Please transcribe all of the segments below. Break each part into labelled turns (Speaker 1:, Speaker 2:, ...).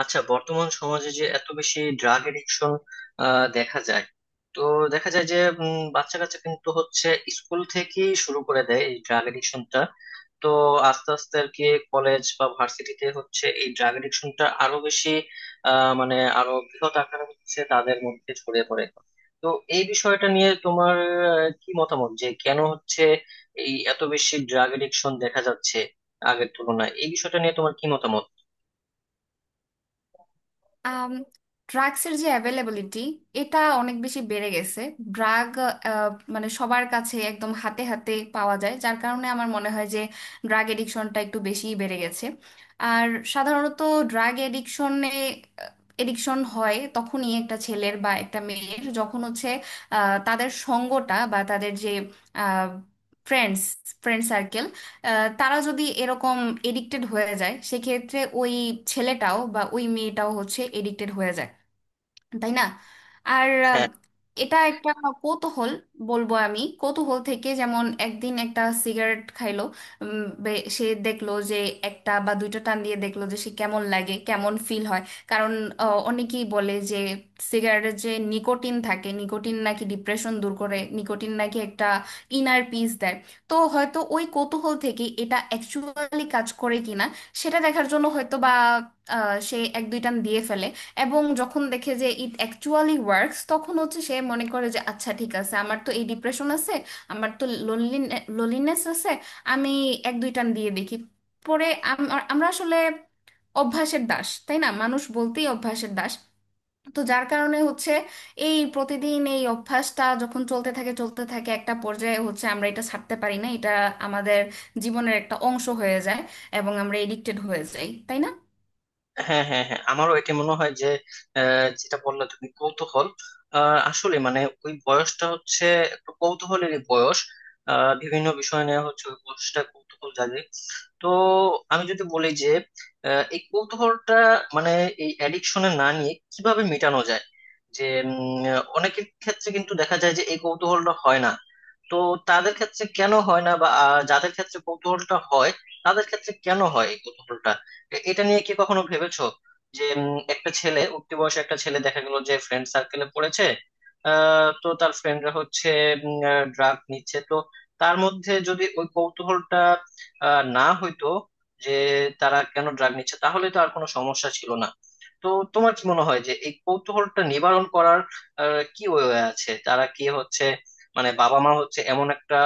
Speaker 1: আচ্ছা, বর্তমান সমাজে যে এত বেশি ড্রাগ এডিকশন দেখা যায়। তো দেখা যায় যে বাচ্চা কাচ্চা কিন্তু হচ্ছে স্কুল থেকেই শুরু করে দেয় এই ড্রাগ এডিকশনটা। তো আস্তে আস্তে আর কি কলেজ বা ভার্সিটিতে হচ্ছে এই ড্রাগ এডিকশনটা আরো বেশি। মানে আরো বৃহৎ আকারে হচ্ছে, তাদের মধ্যে ছড়িয়ে পড়ে। তো এই বিষয়টা নিয়ে তোমার কি মতামত, যে কেন হচ্ছে এই এত বেশি ড্রাগ এডিকশন দেখা যাচ্ছে আগের তুলনায়? এই বিষয়টা নিয়ে তোমার কি মতামত?
Speaker 2: আম ড্রাগসের যে অ্যাভেলেবিলিটি এটা অনেক বেশি বেড়ে গেছে। ড্রাগ মানে সবার কাছে একদম হাতে হাতে পাওয়া যায়, যার কারণে আমার মনে হয় যে ড্রাগ এডিকশনটা একটু বেশিই বেড়ে গেছে। আর সাধারণত ড্রাগ এডিকশনে এডিকশন হয় তখনই একটা ছেলের বা একটা মেয়ের, যখন হচ্ছে তাদের সঙ্গটা বা তাদের যে ফ্রেন্ডস ফ্রেন্ড সার্কেল, তারা যদি এরকম এডিক্টেড হয়ে যায়, সেক্ষেত্রে ওই ছেলেটাও বা ওই মেয়েটাও হচ্ছে এডিক্টেড হয়ে যায়, তাই না? আর
Speaker 1: হ্যাঁ,
Speaker 2: এটা একটা কৌতূহল বলবো আমি। কৌতূহল থেকে যেমন একদিন একটা সিগারেট খাইলো, সে দেখলো যে একটা বা দুইটা টান দিয়ে দেখলো যে সে কেমন লাগে, কেমন ফিল হয়। কারণ অনেকেই বলে যে সিগারেটের যে নিকোটিন থাকে, নিকোটিন নাকি ডিপ্রেশন দূর করে, নিকোটিন নাকি একটা ইনার পিস দেয়। তো হয়তো ওই কৌতূহল থেকে এটা অ্যাকচুয়ালি কাজ করে কিনা সেটা দেখার জন্য হয়তো বা সে এক দুই টান দিয়ে ফেলে। এবং যখন দেখে যে ইট অ্যাকচুয়ালি ওয়ার্কস, তখন হচ্ছে সে মনে করে যে আচ্ছা ঠিক আছে, আমার তো এই ডিপ্রেশন আছে, আমার তো লোনলিনেস আছে, আমি এক দুই টান দিয়ে দেখি। পরে আমরা আসলে অভ্যাসের দাস, তাই না? মানুষ বলতেই অভ্যাসের দাস। তো যার কারণে হচ্ছে এই প্রতিদিন এই অভ্যাসটা যখন চলতে থাকে চলতে থাকে, একটা পর্যায়ে হচ্ছে আমরা এটা ছাড়তে পারি না, এটা আমাদের জীবনের একটা অংশ হয়ে যায় এবং আমরা এডিক্টেড হয়ে যাই, তাই না?
Speaker 1: হ্যাঁ, হ্যাঁ, হ্যাঁ, আমারও এটা মনে হয় যে যেটা বললে তুমি, কৌতূহল। আসলে মানে ওই বয়সটা হচ্ছে একটু কৌতূহলেরই বয়স। বিভিন্ন বিষয় নিয়ে হচ্ছে ওই বয়সটা কৌতূহল জাগে। তো আমি যদি বলি যে এই কৌতূহলটা মানে এই অ্যাডিকশনে না নিয়ে কিভাবে মেটানো যায়? যে অনেকের ক্ষেত্রে কিন্তু দেখা যায় যে এই কৌতূহলটা হয় না। তো তাদের ক্ষেত্রে কেন হয় না, বা যাদের ক্ষেত্রে কৌতূহলটা হয়, তাদের ক্ষেত্রে কেন হয় এই কৌতূহলটা? এটা নিয়ে কি কখনো ভেবেছো? যে একটা ছেলে উঠতি বয়সে, একটা ছেলে দেখা গেল যে ফ্রেন্ড সার্কেলে পড়েছে, তো তার ফ্রেন্ডরা হচ্ছে ড্রাগ নিচ্ছে, তো তার মধ্যে যদি ওই কৌতূহলটা না হইতো যে তারা কেন ড্রাগ নিচ্ছে, তাহলে তো আর কোনো সমস্যা ছিল না। তো তোমার কি মনে হয় যে এই কৌতূহলটা নিবারণ করার কি ওয়ে আছে? তারা কি হচ্ছে মানে বাবা মা হচ্ছে এমন একটা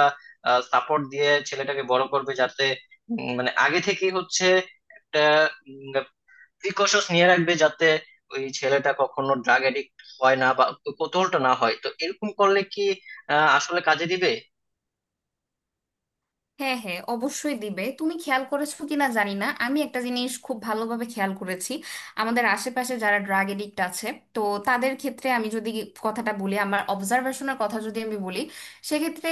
Speaker 1: সাপোর্ট দিয়ে ছেলেটাকে বড় করবে, যাতে মানে আগে থেকেই হচ্ছে একটা প্রিকশনস নিয়ে রাখবে, যাতে ওই ছেলেটা কখনো ড্রাগ এডিক্ট হয় না বা কৌতূহলটা না হয়? তো এরকম করলে কি আসলে কাজে দিবে?
Speaker 2: হ্যাঁ, হ্যাঁ, অবশ্যই দিবে। তুমি খেয়াল করেছো কিনা জানি না, আমি একটা জিনিস খুব ভালোভাবে খেয়াল করেছি। আমাদের আশেপাশে যারা ড্রাগ এডিক্ট আছে, তো তাদের ক্ষেত্রে আমি যদি কথাটা বলি, আমার অবজারভেশনের কথা যদি আমি বলি, সেক্ষেত্রে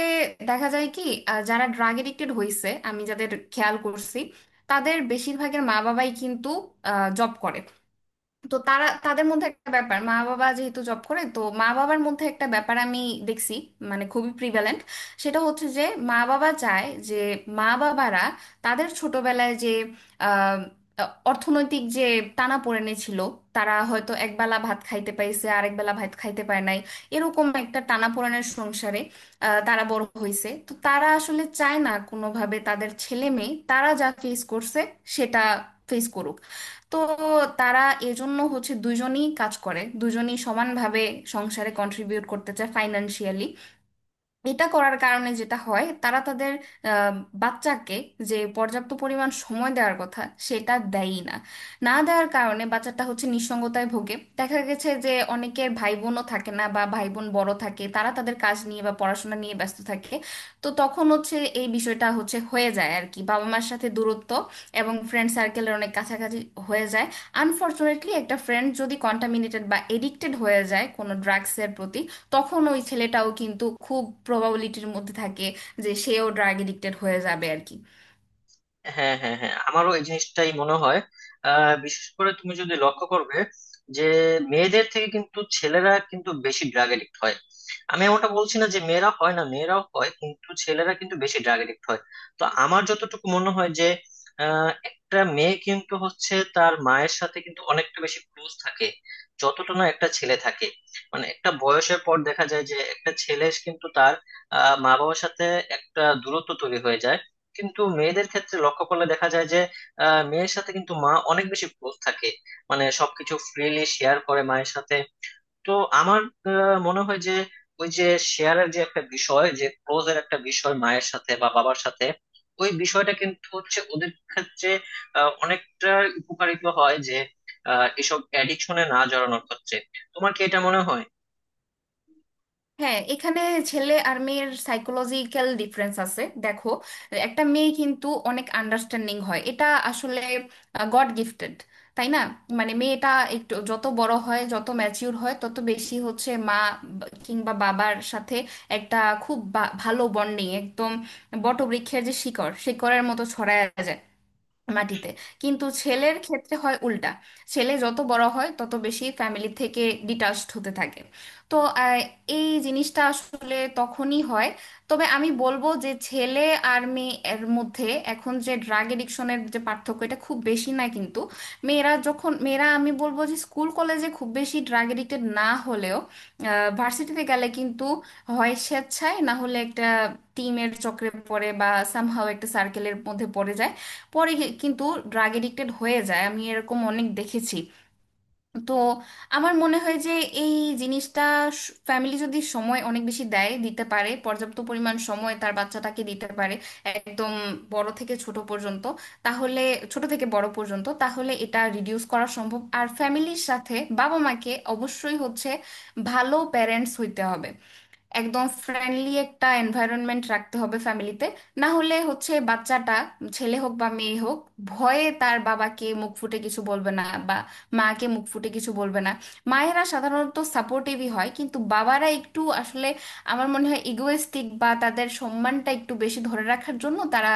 Speaker 2: দেখা যায় কি, যারা ড্রাগ এডিক্টেড হয়েছে আমি যাদের খেয়াল করছি, তাদের বেশিরভাগের মা বাবাই কিন্তু জব করে। তো তারা তাদের মধ্যে একটা ব্যাপার, মা বাবা যেহেতু জব করে, তো মা বাবার মধ্যে একটা ব্যাপার আমি দেখছি, মানে খুবই প্রিভ্যালেন্ট, সেটা হচ্ছে যে মা বাবা চায় যে মা বাবারা তাদের ছোটবেলায় যে আহ, অর্থনৈতিক যে টানাপোড়েনে ছিল, তারা হয়তো একবেলা ভাত খাইতে পাইছে, আরেক বেলা ভাত খাইতে পায় নাই, এরকম একটা টানাপোড়েনের সংসারে তারা বড় হয়েছে। তো তারা আসলে চায় না কোনোভাবে তাদের ছেলে মেয়ে তারা যা ফেস করছে সেটা ফেস করুক। তো তারা এজন্য হচ্ছে দুজনেই কাজ করে, দুজনেই সমানভাবে সংসারে কন্ট্রিবিউট করতে চায় ফাইনান্সিয়ালি। এটা করার কারণে যেটা হয়, তারা তাদের আহ, বাচ্চাকে যে পর্যাপ্ত পরিমাণ সময় দেওয়ার কথা, সেটা দেয়ই না। না দেওয়ার কারণে বাচ্চাটা হচ্ছে নিঃসঙ্গতায় ভোগে, দেখা গেছে যে অনেকের ভাই বোনও থাকে না বা ভাই বোন বড় থাকে, তারা তাদের কাজ নিয়ে বা পড়াশোনা নিয়ে ব্যস্ত থাকে। তো তখন হচ্ছে এই বিষয়টা হচ্ছে হয়ে যায় আর কি বাবা মার সাথে দূরত্ব, এবং ফ্রেন্ড সার্কেলের অনেক কাছাকাছি হয়ে যায়। আনফর্চুনেটলি একটা ফ্রেন্ড যদি কন্টামিনেটেড বা এডিক্টেড হয়ে যায় কোনো ড্রাগসের প্রতি, তখন ওই ছেলেটাও কিন্তু খুব প্রবাবিলিটির মধ্যে থাকে যে সেও ড্রাগ এডিক্টেড হয়ে যাবে আর কি।
Speaker 1: হ্যাঁ, হ্যাঁ, হ্যাঁ, আমারও এই জিনিসটাই মনে হয়। বিশেষ করে তুমি যদি লক্ষ্য করবে, যে মেয়েদের থেকে কিন্তু ছেলেরা কিন্তু বেশি ড্রাগ এডিক্ট হয়। আমি ওটা বলছি না যে মেয়েরা হয় না, মেয়েরাও হয়, কিন্তু ছেলেরা কিন্তু বেশি ড্রাগ এডিক্ট হয়। তো আমার যতটুকু মনে হয় যে একটা মেয়ে কিন্তু হচ্ছে তার মায়ের সাথে কিন্তু অনেকটা বেশি ক্লোজ থাকে, যতটা না একটা ছেলে থাকে। মানে একটা বয়সের পর দেখা যায় যে একটা ছেলে কিন্তু তার মা বাবার সাথে একটা দূরত্ব তৈরি হয়ে যায়। কিন্তু মেয়েদের ক্ষেত্রে লক্ষ্য করলে দেখা যায় যে মেয়ের সাথে কিন্তু মা অনেক বেশি ক্লোজ থাকে, মানে সবকিছু ফ্রিলি শেয়ার করে মায়ের সাথে। তো আমার মনে হয় যে ওই যে শেয়ারের যে একটা বিষয়, যে ক্লোজ এর একটা বিষয় মায়ের সাথে বা বাবার সাথে, ওই বিষয়টা কিন্তু হচ্ছে ওদের ক্ষেত্রে অনেকটা উপকারিত হয়, যে এসব অ্যাডিকশনে না জড়ানোর ক্ষেত্রে। তোমার কি এটা মনে হয়?
Speaker 2: হ্যাঁ, এখানে ছেলে আর মেয়ের সাইকোলজিক্যাল ডিফারেন্স আছে, দেখো। একটা মেয়ে কিন্তু অনেক আন্ডারস্ট্যান্ডিং হয়, এটা আসলে গড গিফটেড, তাই না? মানে মেয়েটা একটু যত বড় হয়, যত ম্যাচিউর হয়, তত বেশি হচ্ছে মা কিংবা বাবার সাথে একটা খুব ভালো বন্ডিং, একদম বটবৃক্ষের যে শিকড়, শিকড়ের মতো ছড়ায় যায় মাটিতে। কিন্তু ছেলের ক্ষেত্রে হয় উল্টা, ছেলে যত বড় হয় তত বেশি ফ্যামিলি থেকে ডিটাচড হতে থাকে। তো আহ, এই জিনিসটা আসলে তখনই হয়। তবে আমি বলবো যে ছেলে আর মেয়ের মধ্যে এখন যে ড্রাগ এডিকশনের যে পার্থক্য, এটা খুব বেশি না, কিন্তু মেয়েরা আমি বলবো যে স্কুল কলেজে খুব বেশি ড্রাগ এডিক্টেড না হলেও ভার্সিটিতে গেলে কিন্তু হয় স্বেচ্ছায় না হলে একটা টিমের চক্রে পড়ে বা সামহাও একটা সার্কেলের মধ্যে পড়ে যায় পরে কিন্তু ড্রাগ এডিক্টেড হয়ে যায়, আমি এরকম অনেক দেখেছি। তো আমার মনে হয় যে এই জিনিসটা ফ্যামিলি যদি সময় অনেক বেশি দেয়, দিতে পারে, পর্যাপ্ত পরিমাণ সময় তার বাচ্চাটাকে দিতে পারে একদম বড় থেকে ছোট পর্যন্ত, তাহলে ছোট থেকে বড় পর্যন্ত, তাহলে এটা রিডিউস করা সম্ভব। আর ফ্যামিলির সাথে বাবা মাকে অবশ্যই হচ্ছে ভালো প্যারেন্টস হইতে হবে, একদম ফ্রেন্ডলি একটা এনভায়রনমেন্ট রাখতে হবে ফ্যামিলিতে। না হলে হচ্ছে বাচ্চাটা ছেলে হোক বা মেয়ে হোক ভয়ে তার বাবাকে মুখ ফুটে কিছু বলবে না বা মাকে মুখ ফুটে কিছু বলবে না। মায়েরা সাধারণত সাপোর্টিভই হয়, কিন্তু বাবারা একটু আসলে আমার মনে হয় ইগোয়েস্টিক, বা তাদের সম্মানটা একটু বেশি ধরে রাখার জন্য তারা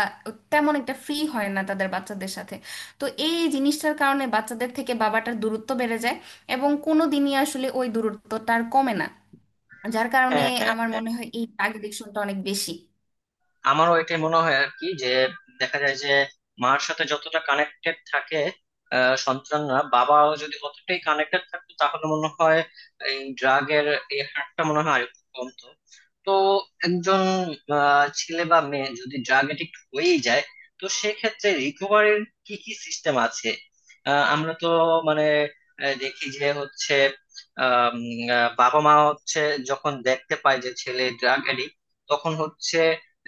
Speaker 2: তেমন একটা ফ্রি হয় না তাদের বাচ্চাদের সাথে। তো এই জিনিসটার কারণে বাচ্চাদের থেকে বাবাটার দূরত্ব বেড়ে যায় এবং কোনো দিনই আসলে ওই দূরত্বটা আর কমে না, যার কারণে
Speaker 1: হ্যাঁ,
Speaker 2: আমার
Speaker 1: হ্যাঁ,
Speaker 2: মনে হয় এই টাগ এডিকশনটা অনেক বেশি।
Speaker 1: আমারও এটাই মনে হয় আর কি, যে দেখা যায় যে মার সাথে যতটা কানেক্টেড থাকে সন্তানরা, বাবাও যদি অতটাই কানেক্টেড থাকতো, তাহলে মনে হয় এই ড্রাগের এই হারটা মনে হয় আরেকটু কমতো। তো একজন ছেলে বা মেয়ে যদি ড্রাগ এডিক্ট হয়েই যায়, তো সেক্ষেত্রে রিকভারির কি কি সিস্টেম আছে? আমরা তো মানে দেখি যে হচ্ছে বাবা মা হচ্ছে যখন দেখতে পায় যে ছেলে ড্রাগ এডিক্ট, তখন হচ্ছে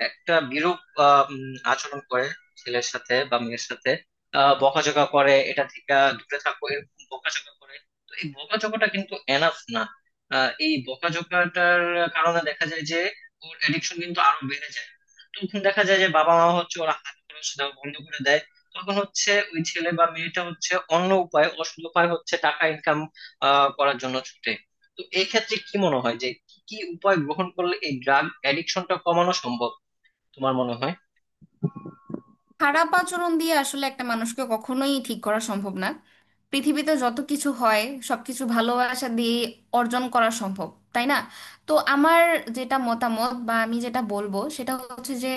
Speaker 1: একটা বিরূপ আচরণ করে ছেলের সাথে বা মেয়ের সাথে। বকাঝকা করে, এটা থেকে দূরে থাকো এরকম বকাঝকা করে। তো এই বকাঝকাটা কিন্তু এনাফ না। এই বকাঝকাটার কারণে দেখা যায় যে ওর অ্যাডিকশন কিন্তু আরো বেড়ে যায়। তখন দেখা যায় যে বাবা মা হচ্ছে ওরা হাত খরচ দেওয়া বন্ধ করে দেয়। তখন হচ্ছে ওই ছেলে বা মেয়েটা হচ্ছে অন্য উপায়, অসৎ উপায় হচ্ছে টাকা ইনকাম করার জন্য ছুটে। তো এক্ষেত্রে কি মনে হয় যে কি কি উপায় গ্রহণ করলে এই ড্রাগ অ্যাডিকশনটা কমানো সম্ভব, তোমার মনে হয়?
Speaker 2: খারাপ আচরণ দিয়ে আসলে একটা মানুষকে কখনোই ঠিক করা সম্ভব না। পৃথিবীতে যত কিছু হয় সবকিছু ভালোবাসা দিয়ে অর্জন করা সম্ভব, তাই না? তো আমার যেটা মতামত বা আমি যেটা বলবো সেটা হচ্ছে যে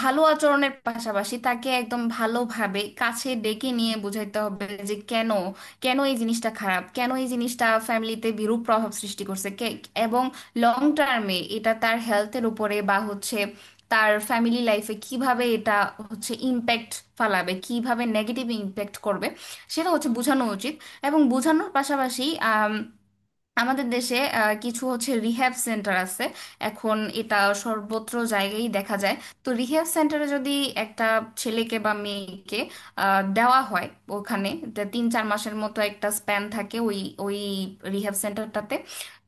Speaker 2: ভালো আচরণের পাশাপাশি তাকে একদম ভালোভাবে কাছে ডেকে নিয়ে বোঝাইতে হবে যে কেন কেন এই জিনিসটা খারাপ, কেন এই জিনিসটা ফ্যামিলিতে বিরূপ প্রভাব সৃষ্টি করছে কে, এবং লং টার্মে এটা তার হেলথের উপরে বা হচ্ছে তার ফ্যামিলি লাইফে কিভাবে এটা হচ্ছে ইম্প্যাক্ট ফালাবে, কিভাবে নেগেটিভ ইম্প্যাক্ট করবে সেটা হচ্ছে বোঝানো উচিত। এবং বোঝানোর পাশাপাশি আমাদের দেশে কিছু হচ্ছে রিহ্যাব সেন্টার আছে এখন, এটা সর্বত্র জায়গায় দেখা যায়। তো রিহ্যাব সেন্টারে যদি একটা ছেলেকে বা মেয়েকে দেওয়া হয় ওখানে, তা তিন চার মাসের মতো একটা স্প্যান থাকে ওই ওই রিহ্যাব সেন্টারটাতে।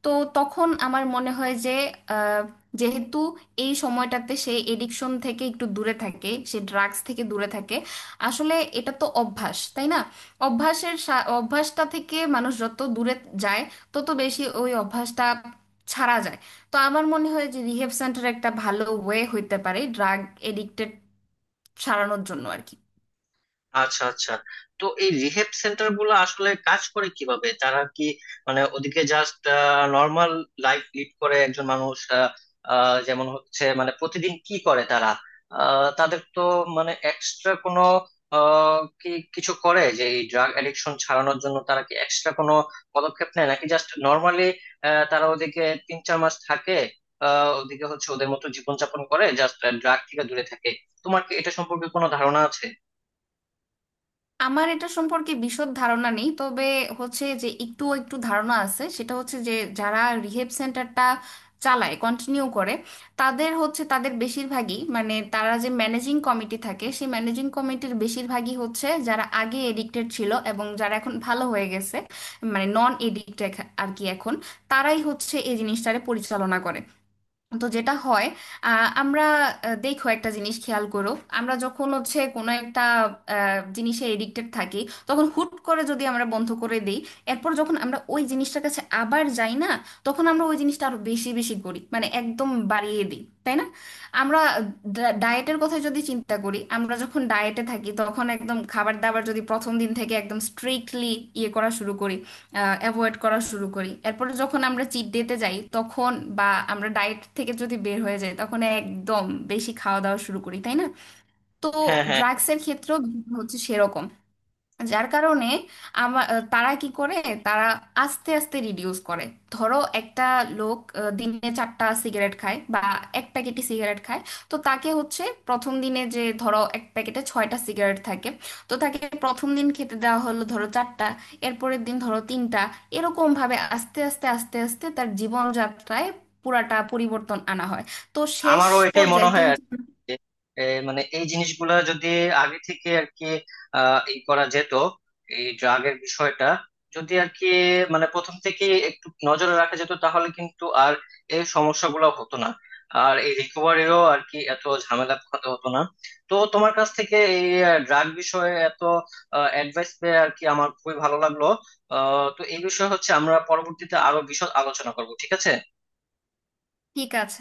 Speaker 2: তো তখন আমার মনে হয় যে আহ, যেহেতু এই সময়টাতে সে এডিকশন থেকে একটু দূরে থাকে, সে ড্রাগস থেকে দূরে থাকে। আসলে এটা তো অভ্যাস, তাই না? অভ্যাসটা থেকে মানুষ যত দূরে যায় তত বেশি ওই অভ্যাসটা ছাড়া যায়। তো আমার মনে হয় যে রিহেব সেন্টার একটা ভালো ওয়ে হইতে পারে ড্রাগ এডিক্টেড সারানোর জন্য আর কি।
Speaker 1: আচ্ছা, আচ্ছা, তো এই রিহেব সেন্টার গুলো আসলে কাজ করে কিভাবে? তারা কি মানে ওদিকে জাস্ট নর্মাল লাইফ লিড করে একজন মানুষ? আহ, আহ, যেমন হচ্ছে মানে প্রতিদিন কি করে তারা? তাদের তো মানে এক্সট্রা কোনো আহ, কি কিছু করে, যে এই ড্রাগ অ্যাডিকশন ছাড়ানোর জন্য তারা কি এক্সট্রা কোনো পদক্ষেপ নেয়, নাকি জাস্ট নর্মালি তারা ওদিকে 3-4 মাস থাকে? ওদিকে হচ্ছে ওদের মতো জীবনযাপন করে জাস্ট, ড্রাগ থেকে দূরে থাকে? তোমার কি এটা সম্পর্কে কোনো ধারণা আছে?
Speaker 2: আমার এটা সম্পর্কে বিশদ ধারণা নেই, তবে হচ্ছে যে একটু একটু ধারণা আছে, সেটা হচ্ছে যে যারা রিহেব সেন্টারটা চালায় কন্টিনিউ করে, তাদের হচ্ছে তাদের বেশিরভাগই, মানে তারা যে ম্যানেজিং কমিটি থাকে, সেই ম্যানেজিং কমিটির বেশিরভাগই হচ্ছে যারা আগে এডিক্টেড ছিল এবং যারা এখন ভালো হয়ে গেছে, মানে নন এডিক্টেড আর কি এখন। তারাই হচ্ছে এই জিনিসটারে পরিচালনা করে। তো যেটা হয় আহ, আমরা দেখো, একটা জিনিস খেয়াল করো। আমরা যখন হচ্ছে কোনো একটা জিনিসে এডিক্টেড থাকি তখন হুট করে যদি আমরা বন্ধ করে দিই, এরপর যখন আমরা ওই জিনিসটার কাছে আবার যাই না, তখন আমরা ওই জিনিসটা আরো বেশি বেশি করি মানে একদম বাড়িয়ে দিই, তাই না? আমরা ডায়েটের কথা যদি চিন্তা করি, আমরা যখন ডায়েটে থাকি তখন একদম খাবার দাবার যদি প্রথম দিন থেকে একদম স্ট্রিক্টলি ইয়ে করা শুরু করি, অ্যাভয়েড করা শুরু করি, এরপরে যখন আমরা চিট ডেতে যাই তখন বা আমরা ডায়েট থেকে যদি বের হয়ে যাই তখন একদম বেশি খাওয়া দাওয়া শুরু করি, তাই না? তো
Speaker 1: হ্যাঁ, হ্যাঁ,
Speaker 2: ড্রাগসের ক্ষেত্রেও হচ্ছে সেরকম, যার কারণে আমার তারা কি করে, তারা আস্তে আস্তে রিডিউস করে। ধরো একটা লোক দিনে চারটা সিগারেট খায় বা এক প্যাকেটই সিগারেট খায়, তো তাকে হচ্ছে প্রথম দিনে যে ধরো এক প্যাকেটে ছয়টা সিগারেট থাকে, তো তাকে প্রথম দিন খেতে দেওয়া হলো ধরো চারটা, এরপরের দিন ধরো তিনটা, এরকম ভাবে আস্তে আস্তে আস্তে আস্তে তার জীবনযাত্রায় পুরাটা পরিবর্তন আনা হয়। তো শেষ
Speaker 1: আমারও এটাই মনে
Speaker 2: পর্যায়ে
Speaker 1: হয়
Speaker 2: তিন
Speaker 1: আর কি। যে, মানে এই জিনিসগুলো যদি আগে থেকে আর কি ই করা যেত, এই ড্রাগের বিষয়টা যদি আর কি মানে প্রথম থেকে একটু নজরে রাখা যেত, তাহলে কিন্তু আর এই সমস্যাগুলো হতো না, আর এই রিকভারিও আর কি এত ঝামেলা পোহাতে হতো না। তো তোমার কাছ থেকে এই ড্রাগ বিষয়ে এত অ্যাডভাইস পেয়ে আর কি আমার খুবই ভালো লাগলো। তো এই বিষয়ে হচ্ছে আমরা পরবর্তীতে আরো বিশদ আলোচনা করব, ঠিক আছে।
Speaker 2: ঠিক আছে।